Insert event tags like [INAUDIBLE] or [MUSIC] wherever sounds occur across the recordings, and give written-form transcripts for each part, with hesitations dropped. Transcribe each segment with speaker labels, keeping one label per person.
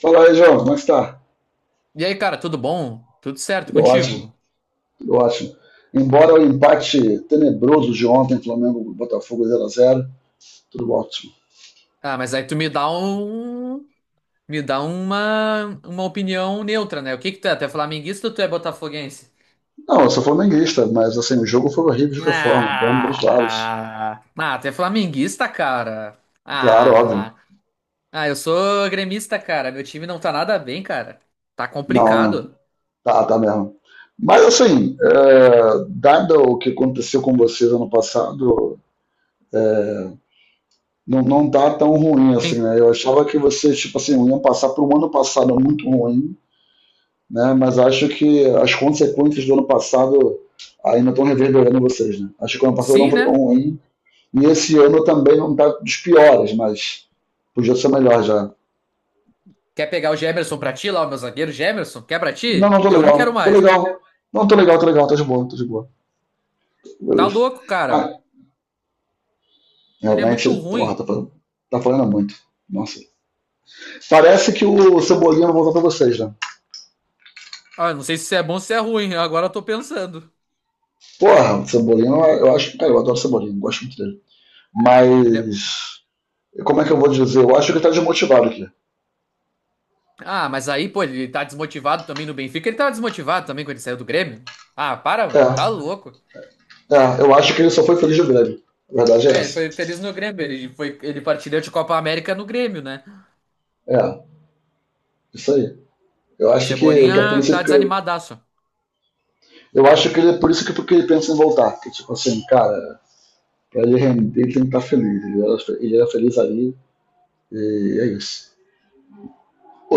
Speaker 1: Fala aí, João, como é que está?
Speaker 2: E aí, cara, tudo bom? Tudo certo
Speaker 1: Tudo ótimo,
Speaker 2: contigo?
Speaker 1: tudo ótimo. Embora o empate tenebroso de ontem, Flamengo Botafogo zero a zero, tudo ótimo.
Speaker 2: Ah, mas aí tu me dá uma opinião neutra, né? O que que tu é? Tu é flamenguista ou tu é botafoguense?
Speaker 1: Não, eu sou flamenguista, mas assim, o jogo foi horrível de qualquer forma, para ambos os lados.
Speaker 2: Ah, tu é flamenguista, cara.
Speaker 1: Claro, óbvio.
Speaker 2: Ah, ah, eu sou gremista, cara. Meu time não tá nada bem, cara. Tá
Speaker 1: Não, né?
Speaker 2: complicado.
Speaker 1: Tá, tá mesmo. Mas assim, dado o que aconteceu com vocês ano passado, é, não, não tá tão ruim assim,
Speaker 2: Sim,
Speaker 1: né? Eu achava que vocês, tipo assim, iam passar por um ano passado muito ruim né? Mas acho que as consequências do ano passado ainda estão reverberando em vocês, né? Acho que o ano passado não
Speaker 2: sim,
Speaker 1: foi tão
Speaker 2: né?
Speaker 1: ruim e esse ano também não está dos piores, mas podia ser melhor já.
Speaker 2: Quer pegar o Gemerson pra ti lá, o meu zagueiro Gemerson? Quer pra
Speaker 1: Não,
Speaker 2: ti?
Speaker 1: não tô
Speaker 2: Eu não quero
Speaker 1: legal, tô
Speaker 2: mais.
Speaker 1: legal, não tô legal, tô legal, tá de boa,
Speaker 2: Tá
Speaker 1: beleza.
Speaker 2: louco,
Speaker 1: Ah,
Speaker 2: cara. Ele é
Speaker 1: realmente,
Speaker 2: muito
Speaker 1: porra, tá,
Speaker 2: ruim.
Speaker 1: tá falando muito. Nossa. Parece que o Cebolinha vai voltar pra vocês, né?
Speaker 2: Ah, não sei se isso é bom ou se é ruim, agora eu tô pensando.
Speaker 1: Porra, o Cebolinha, eu acho. Cara, eu adoro o Cebolinha, gosto muito dele.
Speaker 2: Ele é-
Speaker 1: Mas. Como é que eu vou dizer? Eu acho que ele tá desmotivado aqui.
Speaker 2: Ah, mas aí, pô, ele tá desmotivado também no Benfica. Ele tava desmotivado também quando ele saiu do Grêmio. Ah, para,
Speaker 1: É,
Speaker 2: mano, tá louco.
Speaker 1: É, eu acho que ele só foi feliz no Grêmio. A verdade é
Speaker 2: É, ele
Speaker 1: essa.
Speaker 2: foi feliz no Grêmio, ele partilhou de Copa América no Grêmio, né?
Speaker 1: É, isso aí. Eu acho que é por
Speaker 2: Cebolinha
Speaker 1: isso
Speaker 2: tá
Speaker 1: que.
Speaker 2: desanimadaço.
Speaker 1: Eu acho que ele é por isso que porque ele pensa em voltar. Que tipo assim, cara, pra ele render, ele tem que estar feliz. Ele era feliz ali e é isso.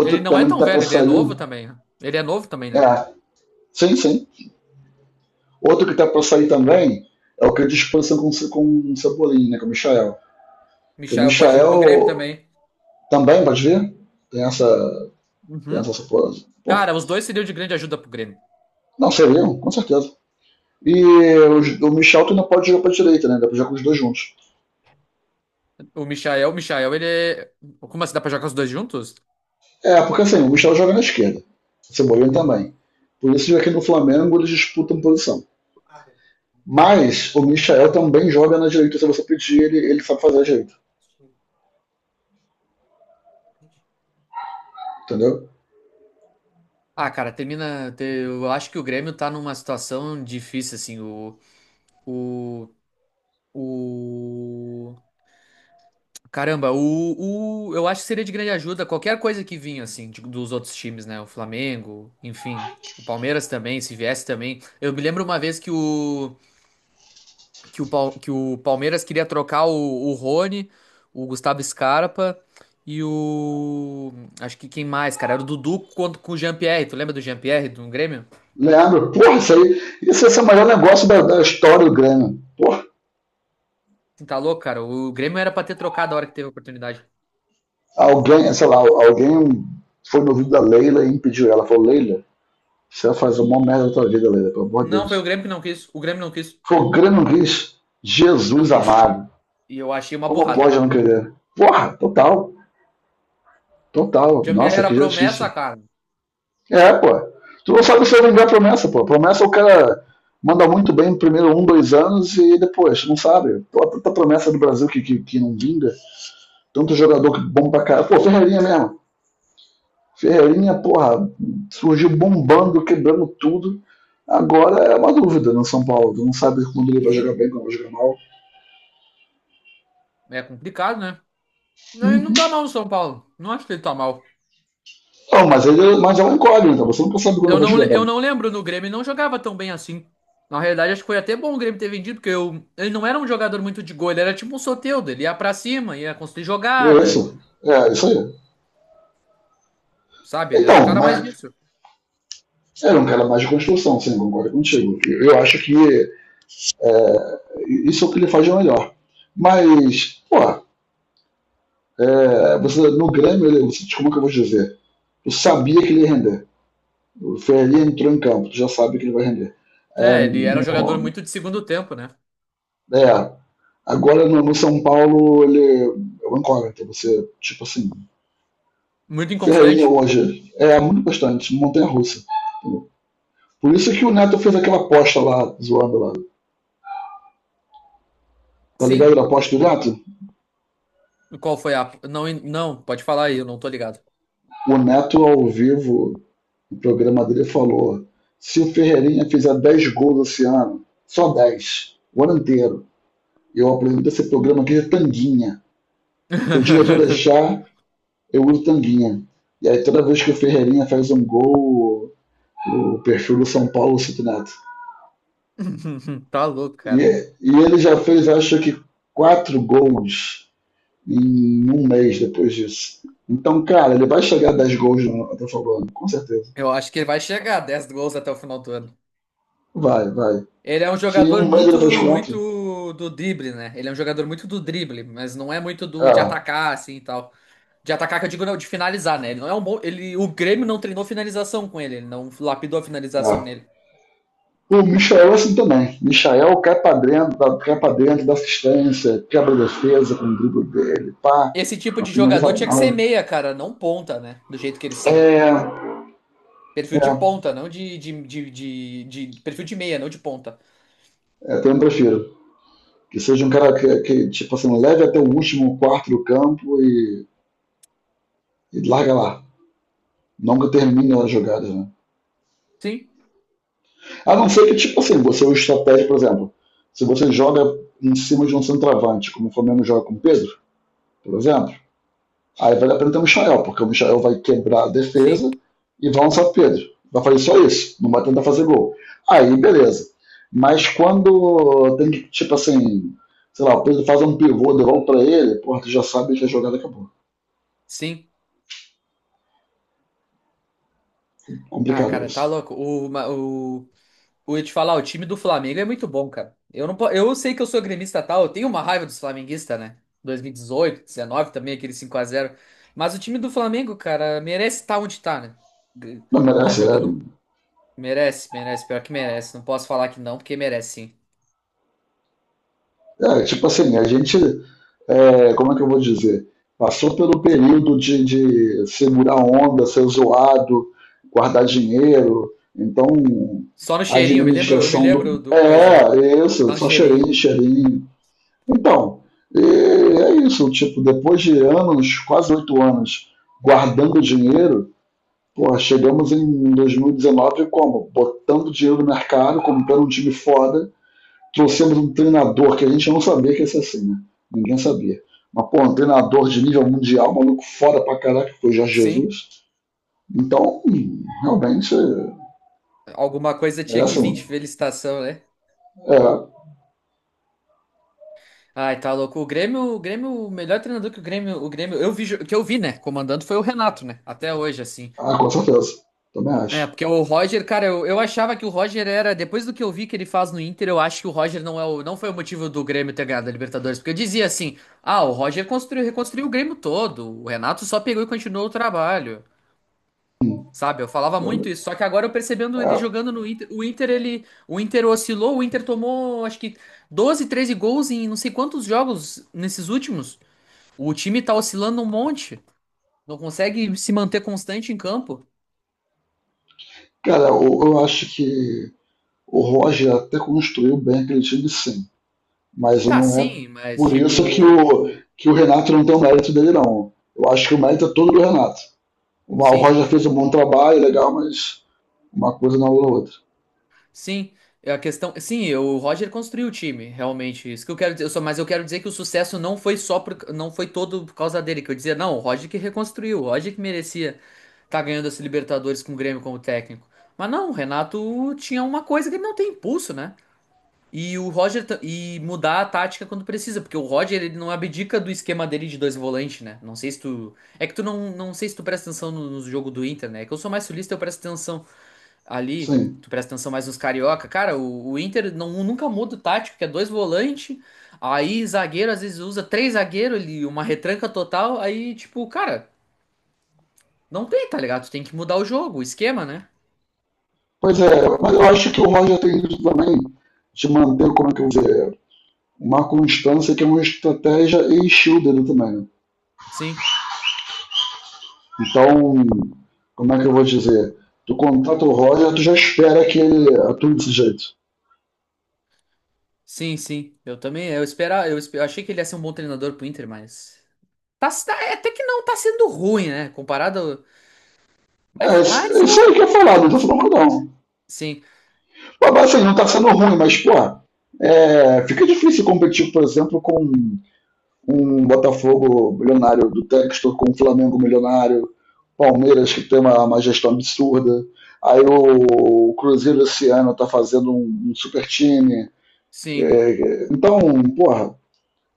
Speaker 2: Ele
Speaker 1: que
Speaker 2: não é
Speaker 1: também
Speaker 2: tão
Speaker 1: tá pra
Speaker 2: velho, ele é novo
Speaker 1: sair.
Speaker 2: também, né? Ele é novo também, né?
Speaker 1: É, sim, sim. Outro que tá pra sair também é o que é disposição com o Cebolinha, né? Com o Michael. Porque o
Speaker 2: Michael pode vir pro Grêmio
Speaker 1: Michael
Speaker 2: também.
Speaker 1: também, pode ver? Tem essa. Tem essa
Speaker 2: Uhum.
Speaker 1: suposição. Porra.
Speaker 2: Cara, os dois seriam de grande ajuda pro Grêmio.
Speaker 1: Não, seriam, com certeza. E o Michel tu não pode jogar para a direita, né? Dá para jogar com os dois juntos.
Speaker 2: O Michael, ele é. Como assim, dá pra jogar os dois juntos?
Speaker 1: É, porque assim, o Michel joga na esquerda. O Cebolinha também. Por isso aqui no Flamengo eles disputam posição. Mas o Michel também joga na direita. Se você pedir, ele sabe fazer a direita. Entendeu?
Speaker 2: Ah, cara, termina. Eu acho que o Grêmio tá numa situação difícil, assim. O. o... Caramba, o. Eu acho que seria de grande ajuda qualquer coisa que vinha, assim, dos outros times, né? O Flamengo, enfim. O Palmeiras também, se viesse também. Eu me lembro uma vez que o Palmeiras queria trocar o, Rony, o Gustavo Scarpa e o. Acho que quem mais, cara? Era o Dudu quanto com o Jean-Pierre. Tu lembra do Jean-Pierre do Grêmio?
Speaker 1: Leandro, porra, isso aí. Isso esse é o maior negócio da história do Grêmio. Porra,
Speaker 2: Você tá louco, cara? O Grêmio era pra ter trocado a hora que teve a oportunidade.
Speaker 1: alguém foi no ouvido da Leila e impediu ela. Falou, Leila, você vai fazer uma merda da tua vida, Leila, pelo amor de
Speaker 2: Não, foi o
Speaker 1: Deus.
Speaker 2: Grêmio que não quis. O Grêmio não quis.
Speaker 1: Foi o Grêmio Riz,
Speaker 2: Não
Speaker 1: Jesus
Speaker 2: quis.
Speaker 1: amado.
Speaker 2: E eu achei uma
Speaker 1: Como
Speaker 2: burrada.
Speaker 1: pode não querer? Porra, total,
Speaker 2: O
Speaker 1: total.
Speaker 2: Jean-Pierre
Speaker 1: Nossa,
Speaker 2: era
Speaker 1: que justiça.
Speaker 2: promessa, cara.
Speaker 1: É, pô. Tu não sabe se vai vingar a promessa, pô. Promessa o cara manda muito bem no primeiro um, dois anos e depois, tu não sabe. Pô, tanta promessa do Brasil que não vinga. Tanto jogador que bom pra caralho. Pô, Ferreirinha mesmo. Ferreirinha, porra, surgiu bombando, quebrando tudo. Agora é uma dúvida no São Paulo. Tu não sabe quando ele vai jogar
Speaker 2: Sim,
Speaker 1: bem, quando vai jogar mal.
Speaker 2: é complicado, né? Não, ele não tá mal no São Paulo. Não acho que ele tá mal.
Speaker 1: Não, mas é um incógnita. Você nunca sabe quando ele
Speaker 2: Eu
Speaker 1: vai
Speaker 2: não, le-
Speaker 1: jogar
Speaker 2: eu
Speaker 1: bem.
Speaker 2: não lembro no Grêmio, ele não jogava tão bem assim. Na realidade, acho que foi até bom o Grêmio ter vendido, porque ele não era um jogador muito de gol, ele era tipo um Soteldo, ele ia pra cima, ia construir
Speaker 1: E é isso.
Speaker 2: jogada,
Speaker 1: É, isso aí.
Speaker 2: sabe? Ele era um
Speaker 1: Então,
Speaker 2: cara mais
Speaker 1: mas
Speaker 2: disso.
Speaker 1: era um cara mais de construção, sim, concordo contigo. Eu acho que é, isso é o que ele faz de melhor. Mas, pô, é, você, no Grêmio, ele, você, como é que eu vou dizer? Tu sabia que ele ia render. O Ferreira entrou em campo, tu já sabe que ele vai render. É,
Speaker 2: É, ele era um jogador
Speaker 1: no,
Speaker 2: muito de segundo tempo, né?
Speaker 1: é, agora no São Paulo, ele é um incógnito.
Speaker 2: Muito
Speaker 1: Ferreirinha
Speaker 2: inconstante.
Speaker 1: hoje é muito bastante, montanha russa. Por isso que o Neto fez aquela aposta lá, zoando lá. Tá ligado
Speaker 2: Sim.
Speaker 1: da aposta do Neto?
Speaker 2: Qual foi a. Não, não, pode falar aí, eu não tô ligado.
Speaker 1: O Neto ao vivo no programa dele falou: se o Ferreirinha fizer 10 gols esse ano, só 10 o ano inteiro, eu apresento esse programa aqui de tanguinha. Se o diretor
Speaker 2: [LAUGHS]
Speaker 1: deixar, eu uso tanguinha. E aí toda vez que o Ferreirinha faz um gol, o perfil do São Paulo cita o Neto.
Speaker 2: Tá louco,
Speaker 1: E,
Speaker 2: cara.
Speaker 1: e ele já fez, acho que, 4 gols em um mês depois disso. Então, cara, ele vai chegar a 10 gols no Atlético Falando, com certeza.
Speaker 2: Eu acho que ele vai chegar a 10 gols até o final do ano.
Speaker 1: Vai, vai.
Speaker 2: Ele é um
Speaker 1: Se em
Speaker 2: jogador
Speaker 1: um mês ele fez
Speaker 2: muito,
Speaker 1: quatro,
Speaker 2: muito do drible, né? Ele é um jogador muito do drible, mas não é muito do de
Speaker 1: É,
Speaker 2: atacar, assim e tal. De atacar, que eu digo, não, de finalizar, né? Ele não é um bom. O Grêmio não treinou finalização com ele, ele não lapidou a finalização
Speaker 1: é.
Speaker 2: nele.
Speaker 1: O Michael é assim também. Michael cai pra dentro, cai pra dentro, dá assistência, quebra a defesa com o drible dele, pá.
Speaker 2: Esse tipo
Speaker 1: Não
Speaker 2: de
Speaker 1: finaliza
Speaker 2: jogador tinha que ser
Speaker 1: mal.
Speaker 2: meia, cara, não ponta, né? Do jeito que eles são.
Speaker 1: É,
Speaker 2: Perfil de
Speaker 1: é,
Speaker 2: ponta, não. Perfil de meia, não de ponta.
Speaker 1: também prefiro. Que seja um cara tipo assim, leve até o último quarto do campo e larga lá. Não que termine as jogadas, né?
Speaker 2: Sim,
Speaker 1: A não ser que, tipo assim, você é o estratégia, por exemplo, se você joga em cima de um centroavante, como o Flamengo joga com o Pedro, por exemplo, aí vale a pena ter o Michael, porque o Michael vai quebrar a
Speaker 2: sim,
Speaker 1: defesa e vai lançar o Pedro. Vai fazer só isso, não vai tentar fazer gol. Aí, beleza. Mas quando tem que, tipo assim, sei lá, o Pedro faz um pivô, devolve pra ele, porra, tu já sabe que a jogada acabou.
Speaker 2: sim. Ah,
Speaker 1: Complicado
Speaker 2: cara, tá
Speaker 1: isso.
Speaker 2: louco. O, ma- o, eu ia te falar, o time do Flamengo é muito bom, cara. Eu não, po- eu sei que eu sou gremista tal, eu tenho uma raiva dos flamenguistas, né? 2018, 19 também, aquele 5-0. Mas o time do Flamengo, cara, merece estar onde tá, né? G-
Speaker 1: Não
Speaker 2: Tá
Speaker 1: merece,
Speaker 2: jogando. Merece, merece, pior que merece. Não posso falar que não, porque merece sim.
Speaker 1: tipo assim, a gente como é que eu vou dizer? Passou pelo período de segurar onda, ser zoado, guardar dinheiro. Então,
Speaker 2: Só no
Speaker 1: a
Speaker 2: cheirinho, eu me lembro, eu me
Speaker 1: administração do.
Speaker 2: lembro do coisa.
Speaker 1: É, isso,
Speaker 2: Só no
Speaker 1: só
Speaker 2: cheirinho.
Speaker 1: cheirinho, cheirinho. Então, é isso, tipo, depois de anos, quase 8 anos, guardando dinheiro, pô, chegamos em 2019 como? Botando dinheiro no mercado, comprando um time foda, trouxemos um treinador que a gente não sabia que ia ser assim, né? Ninguém sabia. Mas, pô, um treinador de nível mundial, maluco foda pra caraca, que foi o Jorge
Speaker 2: Sim,
Speaker 1: Jesus. Então, realmente,
Speaker 2: alguma coisa tinha que
Speaker 1: merece
Speaker 2: vir de
Speaker 1: muito.
Speaker 2: felicitação, né?
Speaker 1: É,
Speaker 2: Ai, tá louco. O Grêmio, o melhor treinador que o Grêmio que eu vi, né, comandando foi o Renato, né, até hoje, assim.
Speaker 1: ah, com certeza. Também
Speaker 2: É,
Speaker 1: acho.
Speaker 2: porque o Roger, cara, eu achava que o Roger era, depois do que eu vi que ele faz no Inter, eu acho que o Roger não foi o motivo do Grêmio ter ganhado a Libertadores, porque eu dizia assim, ah, o Roger construiu, reconstruiu o Grêmio todo, o Renato só pegou e continuou o trabalho, sabe? Eu falava muito isso, só que agora eu percebendo
Speaker 1: É,
Speaker 2: ele jogando no Inter, o Inter oscilou, o Inter tomou, acho que 12, 13 gols em não sei quantos jogos nesses últimos. O time tá oscilando um monte. Não consegue se manter constante em campo.
Speaker 1: cara, acho que o Roger até construiu bem aquele time, sim. Mas
Speaker 2: Tá,
Speaker 1: não é
Speaker 2: sim, mas
Speaker 1: por isso que
Speaker 2: tipo.
Speaker 1: que o Renato não tem o mérito dele, não. Eu acho que o mérito é todo do Renato. O
Speaker 2: Sim,
Speaker 1: Roger fez um bom trabalho, legal, mas uma coisa não anula a outra.
Speaker 2: sim. É a questão. Sim, o Roger construiu o time, realmente. Isso que eu quero dizer. Mas eu quero dizer que o sucesso não foi só por, não foi todo por causa dele. Que eu dizia, não, o Roger que reconstruiu, o Roger que merecia tá ganhando esse Libertadores com o Grêmio como técnico. Mas não, o Renato tinha uma coisa que ele não tem impulso, né? E o Roger e mudar a tática quando precisa, porque o Roger ele não abdica do esquema dele de dois volantes, né? Não sei se tu presta atenção no jogo do Inter, né? É que eu sou mais sulista, eu presto atenção ali,
Speaker 1: Sim.
Speaker 2: tu presta atenção mais nos carioca. Cara, o Inter não nunca muda o tático, que é dois volantes, aí zagueiro às vezes usa três zagueiro ali, uma retranca total, aí tipo, cara, não tem, tá ligado? Tu tem que mudar o jogo, o esquema, né?
Speaker 1: Pois é, mas eu acho que o Roger tem isso também, de manter, como é que eu vou dizer, uma constância que é uma estratégia e estilo dele também.
Speaker 2: Sim.
Speaker 1: Então, como é que eu vou dizer? Tu contrata o Roger, tu já espera que ele atue desse jeito.
Speaker 2: Sim, sim. Eu também, eu esperava, eu achei que ele ia ser um bom treinador pro Inter, mas até que não tá sendo ruim, né? Comparado. Mas
Speaker 1: É
Speaker 2: mais
Speaker 1: isso
Speaker 2: ou
Speaker 1: aí que eu falar, não tô
Speaker 2: menos.
Speaker 1: falando que não.
Speaker 2: Sim,
Speaker 1: Pô, mas assim, não tá sendo ruim, mas, pô, fica difícil competir, por exemplo, com um Botafogo milionário do Textor com o Flamengo milionário, Palmeiras que tem uma gestão absurda. Aí o Cruzeiro esse ano tá fazendo um super time.
Speaker 2: sim.
Speaker 1: Então, porra,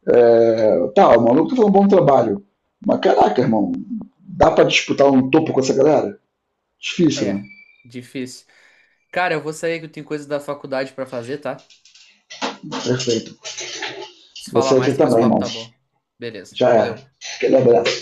Speaker 1: é, tá, o maluco tá fazendo um bom trabalho. Mas caraca, irmão, dá pra disputar um topo com essa galera? Difícil, né?
Speaker 2: É. Difícil. Cara, eu vou sair que eu tenho coisas da faculdade pra fazer, tá?
Speaker 1: Perfeito.
Speaker 2: Se
Speaker 1: Você
Speaker 2: falar
Speaker 1: aqui
Speaker 2: mais, depois o
Speaker 1: também,
Speaker 2: papo
Speaker 1: irmão.
Speaker 2: tá bom. Beleza.
Speaker 1: Já é.
Speaker 2: Valeu.
Speaker 1: Aquele abraço.